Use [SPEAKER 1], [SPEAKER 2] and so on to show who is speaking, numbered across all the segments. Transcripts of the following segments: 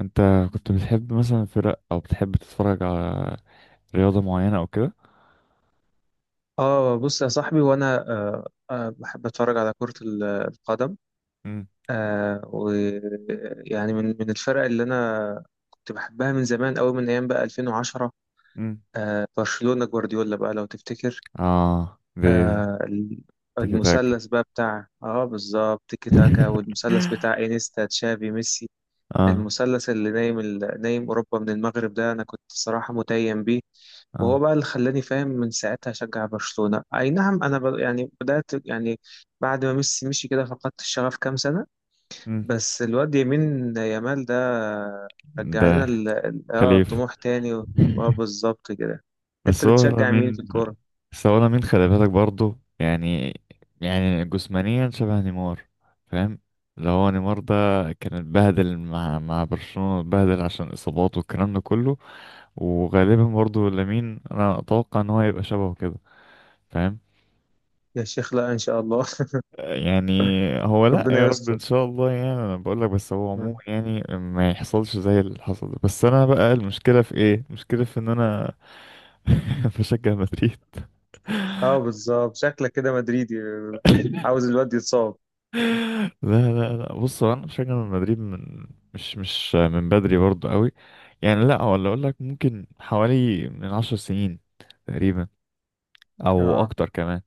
[SPEAKER 1] انت كنت بتحب مثلا فرق، او بتحب تتفرج على رياضة معينة او كده؟
[SPEAKER 2] اه بص يا صاحبي، وانا بحب اتفرج على كرة القدم.
[SPEAKER 1] امم.
[SPEAKER 2] ويعني من الفرق اللي انا كنت بحبها من زمان قوي، من ايام بقى 2010.
[SPEAKER 1] امم.
[SPEAKER 2] برشلونة جوارديولا بقى لو تفتكر.
[SPEAKER 1] اه، دي.
[SPEAKER 2] آه ال-
[SPEAKER 1] تيكي تاك.
[SPEAKER 2] المثلث بقى بتاع بالظبط تيكي تاكا، والمثلث بتاع انيستا تشافي ميسي.
[SPEAKER 1] اه.
[SPEAKER 2] المثلث اللي نايم نايم اوروبا من المغرب ده، انا كنت الصراحة متيم بيه. وهو
[SPEAKER 1] اه.
[SPEAKER 2] بقى اللي خلاني فاهم من ساعتها أشجع برشلونة. أي نعم، أنا يعني بدأت، يعني بعد ما ميسي مشي كده فقدت الشغف كام سنة.
[SPEAKER 1] امم.
[SPEAKER 2] بس الواد يمين يامال ده رجع لنا
[SPEAKER 1] ده خليف.
[SPEAKER 2] طموح تاني. بالظبط كده. أنت
[SPEAKER 1] بس هو
[SPEAKER 2] بتشجع مين في
[SPEAKER 1] لامين.
[SPEAKER 2] الكورة؟
[SPEAKER 1] بس هو لامين، خلي بالك برضه يعني، يعني جسمانيا شبه نيمار، فاهم؟ اللي هو نيمار ده كان اتبهدل مع برشلونة، اتبهدل عشان اصاباته والكلام ده كله. وغالبا برضو لامين انا اتوقع ان هو هيبقى شبهه كده، فاهم؟
[SPEAKER 2] يا شيخ لا إن شاء الله.
[SPEAKER 1] يعني هو لا، يا
[SPEAKER 2] ربنا
[SPEAKER 1] رب
[SPEAKER 2] يستر.
[SPEAKER 1] ان شاء الله. يعني انا بقول لك، بس هو عموما يعني ما يحصلش زي اللي حصل ده. بس انا بقى المشكله في ايه؟ المشكله في ان انا بشجع مدريد.
[SPEAKER 2] اه بالظبط، شكلك كده مدريدي، عاوز الواد يتصاب.
[SPEAKER 1] لا لا لا، بص هو انا بشجع مدريد من، مش من بدري برضو قوي، يعني لا، ولا اقول لك ممكن حوالي من 10 سنين تقريبا، او
[SPEAKER 2] اه
[SPEAKER 1] اكتر كمان.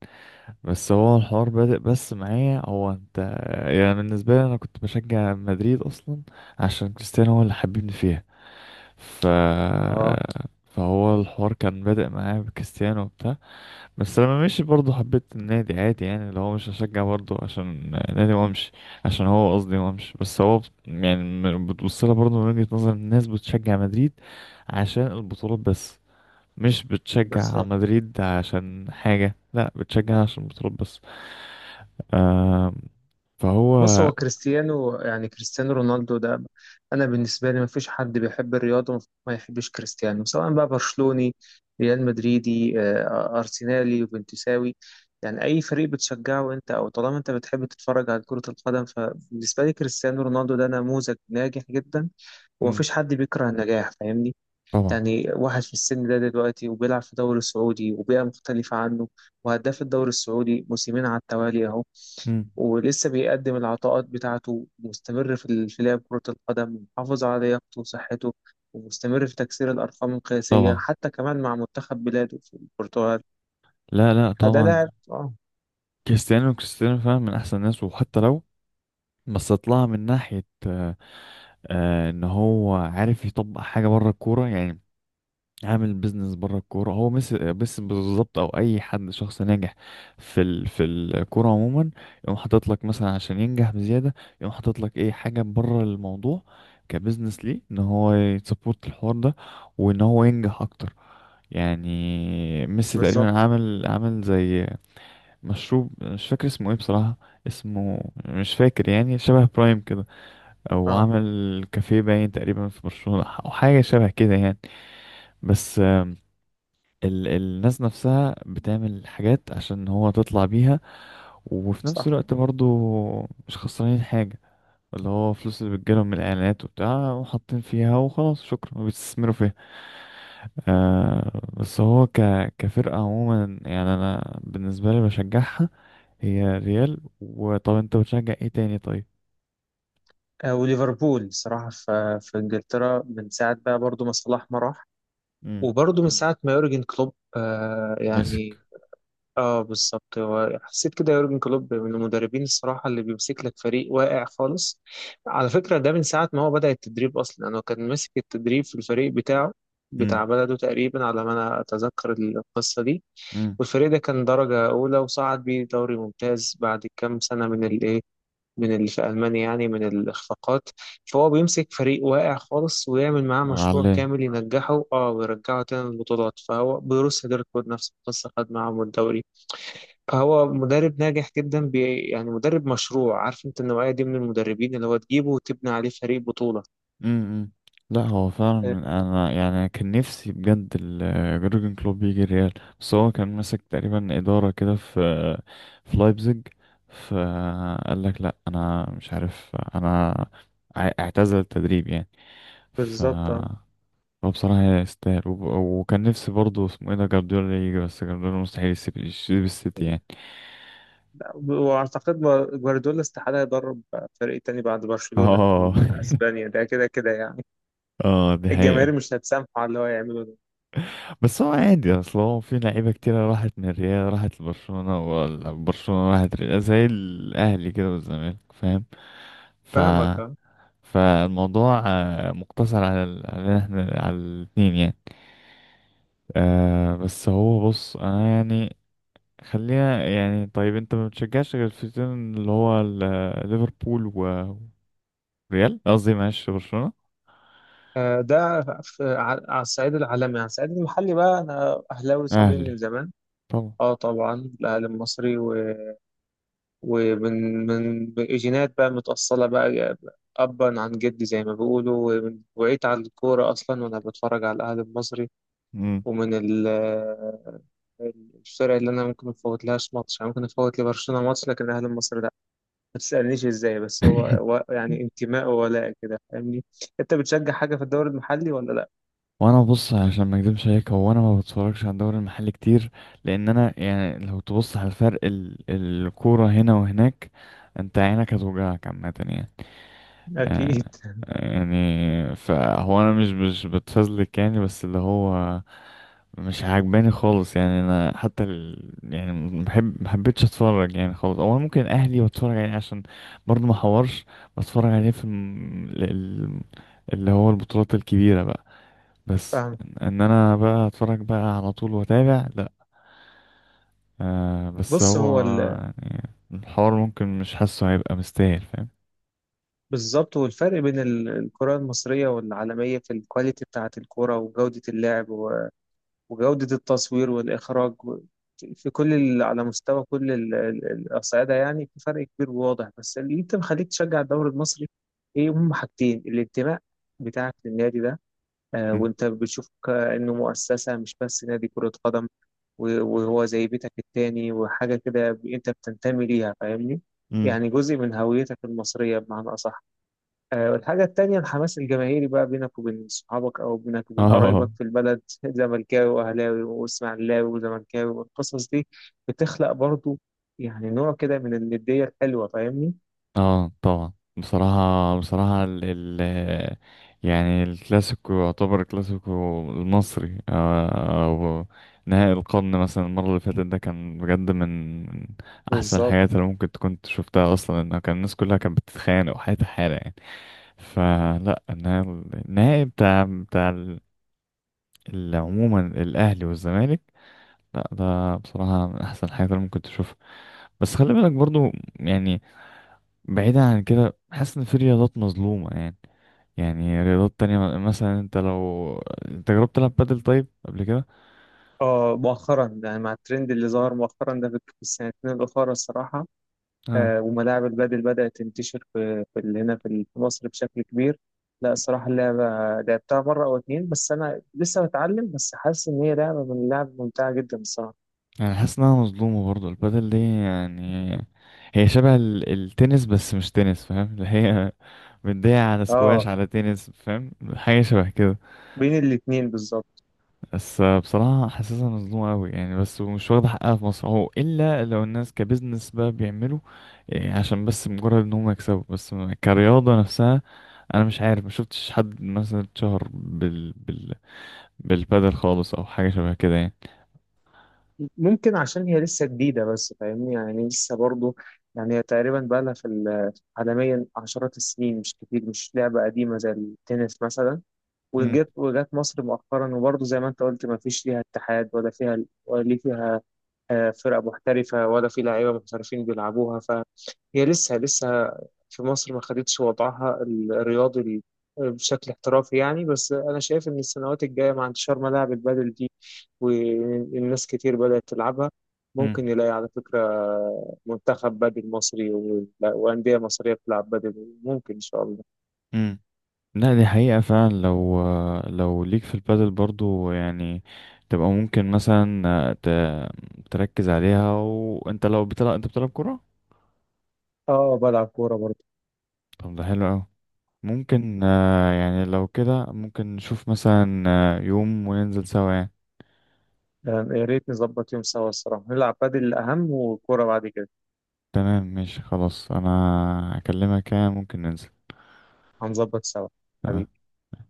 [SPEAKER 1] بس هو الحوار بادئ بس معايا هو انت. يعني بالنسبة لي انا كنت بشجع مدريد اصلا عشان كريستيانو هو اللي حببني فيها. ف
[SPEAKER 2] اه
[SPEAKER 1] فهو الحوار كان بادئ معايا بكريستيانو وبتاع، بس لما مشي برضه حبيت النادي عادي، يعني اللي هو مش هشجع برضه عشان نادي وامشي، عشان هو قصدي وامشي. بس هو يعني بتبصلها برضه من وجهة نظر الناس بتشجع مدريد عشان البطولات بس، مش
[SPEAKER 2] بس
[SPEAKER 1] بتشجع مدريد عشان حاجة، لا بتشجع عشان البطولات بس. آه،
[SPEAKER 2] بص،
[SPEAKER 1] فهو.
[SPEAKER 2] هو كريستيانو، يعني كريستيانو رونالدو ده، انا بالنسبه لي ما فيش حد بيحب الرياضه ما يحبش كريستيانو، سواء بقى برشلوني، ريال مدريدي، ارسنالي، وبنتساوي. يعني اي فريق بتشجعه انت، او طالما انت بتحب تتفرج على كره القدم، فبالنسبه لي كريستيانو رونالدو ده نموذج ناجح جدا، وما
[SPEAKER 1] مم.
[SPEAKER 2] فيش حد بيكره النجاح، فاهمني.
[SPEAKER 1] طبعا.
[SPEAKER 2] يعني واحد في السن ده دلوقتي، وبيلعب في الدوري السعودي وبيئه مختلفه عنه، وهداف الدوري السعودي موسمين على التوالي اهو،
[SPEAKER 1] مم.
[SPEAKER 2] ولسه بيقدم العطاءات بتاعته، مستمر في لعب كرة القدم، محافظ على لياقته وصحته، ومستمر في تكسير الأرقام القياسية
[SPEAKER 1] طبعا.
[SPEAKER 2] حتى كمان مع منتخب بلاده في البرتغال.
[SPEAKER 1] لا لا
[SPEAKER 2] فده
[SPEAKER 1] طبعا.
[SPEAKER 2] لاعب. اه،
[SPEAKER 1] كريستيانو، كريستيانو فعلا من احسن الناس، وحتى لو، بس طلع من ناحية آه، آه ان هو عارف يطبق حاجة بره الكورة يعني، عامل بيزنس بره الكوره. هو مس بس بالظبط، او اي حد شخص ناجح في في الكوره عموما يقوم حاطط لك مثلا عشان ينجح بزياده، يقوم حاطط لك ايه حاجه بره الموضوع، كبزنس ليه ان هو يسبورت الحوار ده وان هو ينجح اكتر يعني. ميسي تقريبا
[SPEAKER 2] بالظبط.
[SPEAKER 1] عامل زي مشروب مش فاكر اسمه ايه بصراحة، اسمه مش فاكر، يعني شبه برايم كده، او
[SPEAKER 2] اه،
[SPEAKER 1] عامل كافيه باين تقريبا في برشلونة او حاجة شبه كده يعني. بس ال الناس نفسها بتعمل حاجات عشان هو تطلع بيها، وفي نفس
[SPEAKER 2] صح.
[SPEAKER 1] الوقت برضو مش خسرانين حاجة، اللي هو فلوس اللي بتجيلهم من الإعلانات وبتاع وحاطين فيها وخلاص شكرا وبيستثمروا فيها. آه بس هو كفرقة عموما يعني أنا بالنسبة لي بشجعها، هي ريال. وطب أنت بتشجع إيه تاني طيب؟
[SPEAKER 2] وليفربول صراحة في إنجلترا من ساعة بقى، برضو ما صلاح ما راح،
[SPEAKER 1] مم.
[SPEAKER 2] وبرضو من ساعة ما يورجن كلوب،
[SPEAKER 1] مسك.
[SPEAKER 2] يعني. اه، بالظبط، هو حسيت كده يورجن كلوب من المدربين الصراحه، اللي بيمسك لك فريق واقع خالص. على فكره ده من ساعه ما هو بدا التدريب اصلا، يعني هو كان ماسك التدريب في الفريق بتاعه،
[SPEAKER 1] امم.
[SPEAKER 2] بتاع بلده تقريبا على ما انا اتذكر القصه دي.
[SPEAKER 1] امم.
[SPEAKER 2] والفريق ده كان درجه اولى، وصعد بيه دوري ممتاز بعد كام سنه من الايه، من اللي في المانيا يعني، من الاخفاقات. فهو بيمسك فريق واقع خالص ويعمل معاه مشروع
[SPEAKER 1] علاه.
[SPEAKER 2] كامل ينجحه، ويرجعه تاني للبطولات. فهو بروسيا دورتموند نفس القصه، خد معاهم الدوري. هو مدرب ناجح جدا، يعني مدرب مشروع. عارف انت النوعية دي من المدربين، اللي هو تجيبه وتبني عليه فريق بطولة.
[SPEAKER 1] امم. امم. لا هو فعلا
[SPEAKER 2] آه،
[SPEAKER 1] من، انا يعني أنا كان نفسي بجد جورجن كلوب يجي الريال، بس هو كان ماسك تقريبا اداره كده في في لايبزيج، فقال لك لا انا مش عارف، انا اعتزل التدريب يعني. ف
[SPEAKER 2] بالظبط. اه،
[SPEAKER 1] هو بصراحه يستاهل، وكان نفسي برضه اسمه ايه ده جارديولا يجي، بس جارديولا مستحيل يسيب السيتي يعني.
[SPEAKER 2] لا، واعتقد جوارديولا استحالة يدرب فريق تاني بعد برشلونة
[SPEAKER 1] اه
[SPEAKER 2] في اسبانيا، ده كده كده يعني.
[SPEAKER 1] اه دي حقيقة.
[SPEAKER 2] الجماهير مش هتسامحه على اللي هو يعمله ده.
[SPEAKER 1] بس هو عادي اصل هو في لعيبة كتيرة راحت من الريال راحت لبرشلونة، ولا برشلونة راحت ريال، زي الأهلي كده والزمالك، فاهم؟ ف
[SPEAKER 2] فاهمك.
[SPEAKER 1] فالموضوع آه، مقتصر على على احنا على الاتنين يعني. آه بس هو، بص انا يعني، خلينا يعني، طيب انت ما بتشجعش غير الفريقين اللي هو ليفربول وريال، قصدي معلش برشلونة.
[SPEAKER 2] ده على على الصعيد العالمي. على الصعيد المحلي بقى، انا اهلاوي صميم من
[SPEAKER 1] اهلي.
[SPEAKER 2] زمان.
[SPEAKER 1] طبعا.
[SPEAKER 2] اه، طبعا. الاهلي المصري. ومن من من جينات بقى متأصلة بقى، أبا عن جدي زي ما بيقولوا. وعيت على الكورة أصلا وأنا بتفرج على الأهلي المصري.
[SPEAKER 1] مم.
[SPEAKER 2] ومن ال- الفرق اللي أنا ممكن مفوت لهاش ماتش، يعني ممكن أفوت لبرشلونة ماتش، لكن الأهلي المصري لأ. ما تسألنيش إزاي، بس هو يعني انتماء وولاء كده، فاهمني. أنت بتشجع حاجة في الدوري المحلي ولا لأ؟
[SPEAKER 1] وانا بص عشان ما اكدبش عليك، هو انا ما بتفرجش على الدوري المحلي كتير، لان انا يعني لو تبص على الفرق، ال الكوره هنا وهناك، انت عينك هتوجعك عامه يعني.
[SPEAKER 2] أكيد.
[SPEAKER 1] آه يعني فهو انا مش بتفزلك يعني، بس اللي هو مش عاجباني خالص يعني، انا حتى ال يعني محبتش اتفرج يعني خالص، او أنا ممكن اهلي بتفرج عليه عشان برضه ما حورش، بتفرج عليه في اللي هو البطولات الكبيره بقى، بس
[SPEAKER 2] فاهم.
[SPEAKER 1] ان إن انا بقى اتفرج بقى على طول واتابع، لا. آه بس
[SPEAKER 2] بص
[SPEAKER 1] هو يعني الحوار ممكن مش حاسه هيبقى مستاهل، فاهم؟
[SPEAKER 2] بالظبط. والفرق بين الكرة المصرية والعالمية في الكواليتي بتاعة الكرة، وجودة اللعب، وجودة التصوير والإخراج، في كل على مستوى كل الأصعدة، يعني في فرق كبير وواضح. بس اللي أنت مخليك تشجع الدوري المصري إيه؟ هم حاجتين: الانتماء بتاعك للنادي ده، آه
[SPEAKER 1] مم.
[SPEAKER 2] وأنت بتشوف كأنه مؤسسة مش بس نادي كرة قدم، وهو زي بيتك التاني، وحاجة كده أنت بتنتمي ليها، فاهمني؟
[SPEAKER 1] امم.
[SPEAKER 2] يعني جزء من هويتك المصرية بمعنى أصح. والحاجة التانية الحماس الجماهيري بقى بينك وبين صحابك، أو بينك وبين
[SPEAKER 1] اه،
[SPEAKER 2] قرايبك في البلد. زملكاوي وأهلاوي وإسماعيلاوي وزملكاوي، والقصص دي بتخلق برضو يعني نوع كده من الندية الحلوة، فاهمني؟
[SPEAKER 1] اه طبعا، بصراحة بصراحة ال ال، يعني الكلاسيكو، يعتبر الكلاسيكو المصري آه، أو نهائي القرن مثلا المرة اللي فاتت، ده كان بجد من من أحسن
[SPEAKER 2] بالظبط.
[SPEAKER 1] الحاجات اللي ممكن تكون شفتها أصلا. إنه كان الناس كلها كانت بتتخانق وحياتها حالة يعني. فلا انا، النهائي بتاع عموما الاهلي والزمالك، لا ده بصراحه من احسن الحاجات اللي ممكن تشوفها. بس خلي بالك برضو يعني، بعيدا عن كده، حاسس ان في رياضات مظلومه يعني. يعني رياضات تانية مثلا انت لو، انت جربت تلعب بادل طيب قبل كده؟
[SPEAKER 2] اه مؤخرا، يعني مع الترند اللي ظهر مؤخرا ده، في السنتين الأخرى الصراحة.
[SPEAKER 1] اه.
[SPEAKER 2] آه، وملاعب البادل بدأت تنتشر هنا في مصر بشكل كبير. لا، الصراحة اللعبة لعبتها مرة أو اتنين، بس أنا لسه بتعلم. بس حاسس إن هي لعبة من اللعب ممتعة جدا الصراحة.
[SPEAKER 1] يعني حاسس انها مظلومه برضو البادل دي يعني، هي شبه التنس بس مش تنس، فاهم؟ اللي هي مدية على سكواش
[SPEAKER 2] اه،
[SPEAKER 1] على تنس، فاهم؟ حاجه شبه كده.
[SPEAKER 2] بين الاتنين بالظبط.
[SPEAKER 1] بس بصراحة حاسسها مظلومة أوي يعني، بس ومش واخدة حقها في مصر، هو إلا لو الناس كبزنس بقى بيعملوا إيه، عشان بس مجرد إن هم يكسبوا بس، كرياضة نفسها أنا مش عارف ما شفتش حد مثلا اتشهر بالبادل خالص أو حاجة شبه كده يعني.
[SPEAKER 2] ممكن عشان هي لسه جديدة بس، فاهمني يعني، لسه برضو. يعني هي تقريبا بقى لها عالميا عشرات السنين، مش كتير، مش لعبة قديمة زي التنس مثلا.
[SPEAKER 1] مم.
[SPEAKER 2] وجت مصر مؤخرا. وبرضو زي ما انت قلت، ما فيش ليها اتحاد، ولا فيها ولا فيها فرق محترفة، ولا في لعيبة محترفين بيلعبوها. فهي لسه لسه في مصر ما خدتش وضعها الرياضي بشكل احترافي يعني. بس انا شايف ان السنوات الجايه، مع انتشار ملاعب البادل والناس كتير بدأت تلعبها،
[SPEAKER 1] مم.
[SPEAKER 2] ممكن نلاقي على فكرة منتخب بدل مصري، وأندية مصرية بتلعب بدل، ممكن إن شاء الله.
[SPEAKER 1] مم. لا دي حقيقة فعلا. لو لو ليك في البادل برضو يعني، تبقى ممكن مثلا ت... تركز عليها. وانت لو بتلعب، انت بتلعب كرة؟
[SPEAKER 2] بلعب كورة برضه.
[SPEAKER 1] طب ده حلو أوي.
[SPEAKER 2] مم.
[SPEAKER 1] ممكن آه، يعني لو كده ممكن نشوف مثلا آه، يوم وننزل سوا يعني.
[SPEAKER 2] يا ريت نظبط يوم سوا الصراحة، نلعب بدل الأهم وكورة بعد كده.
[SPEAKER 1] تمام ماشي خلاص، انا هكلمك يعني ممكن ننزل.
[SPEAKER 2] هنظبط سوا. حبيبي.
[SPEAKER 1] تمام.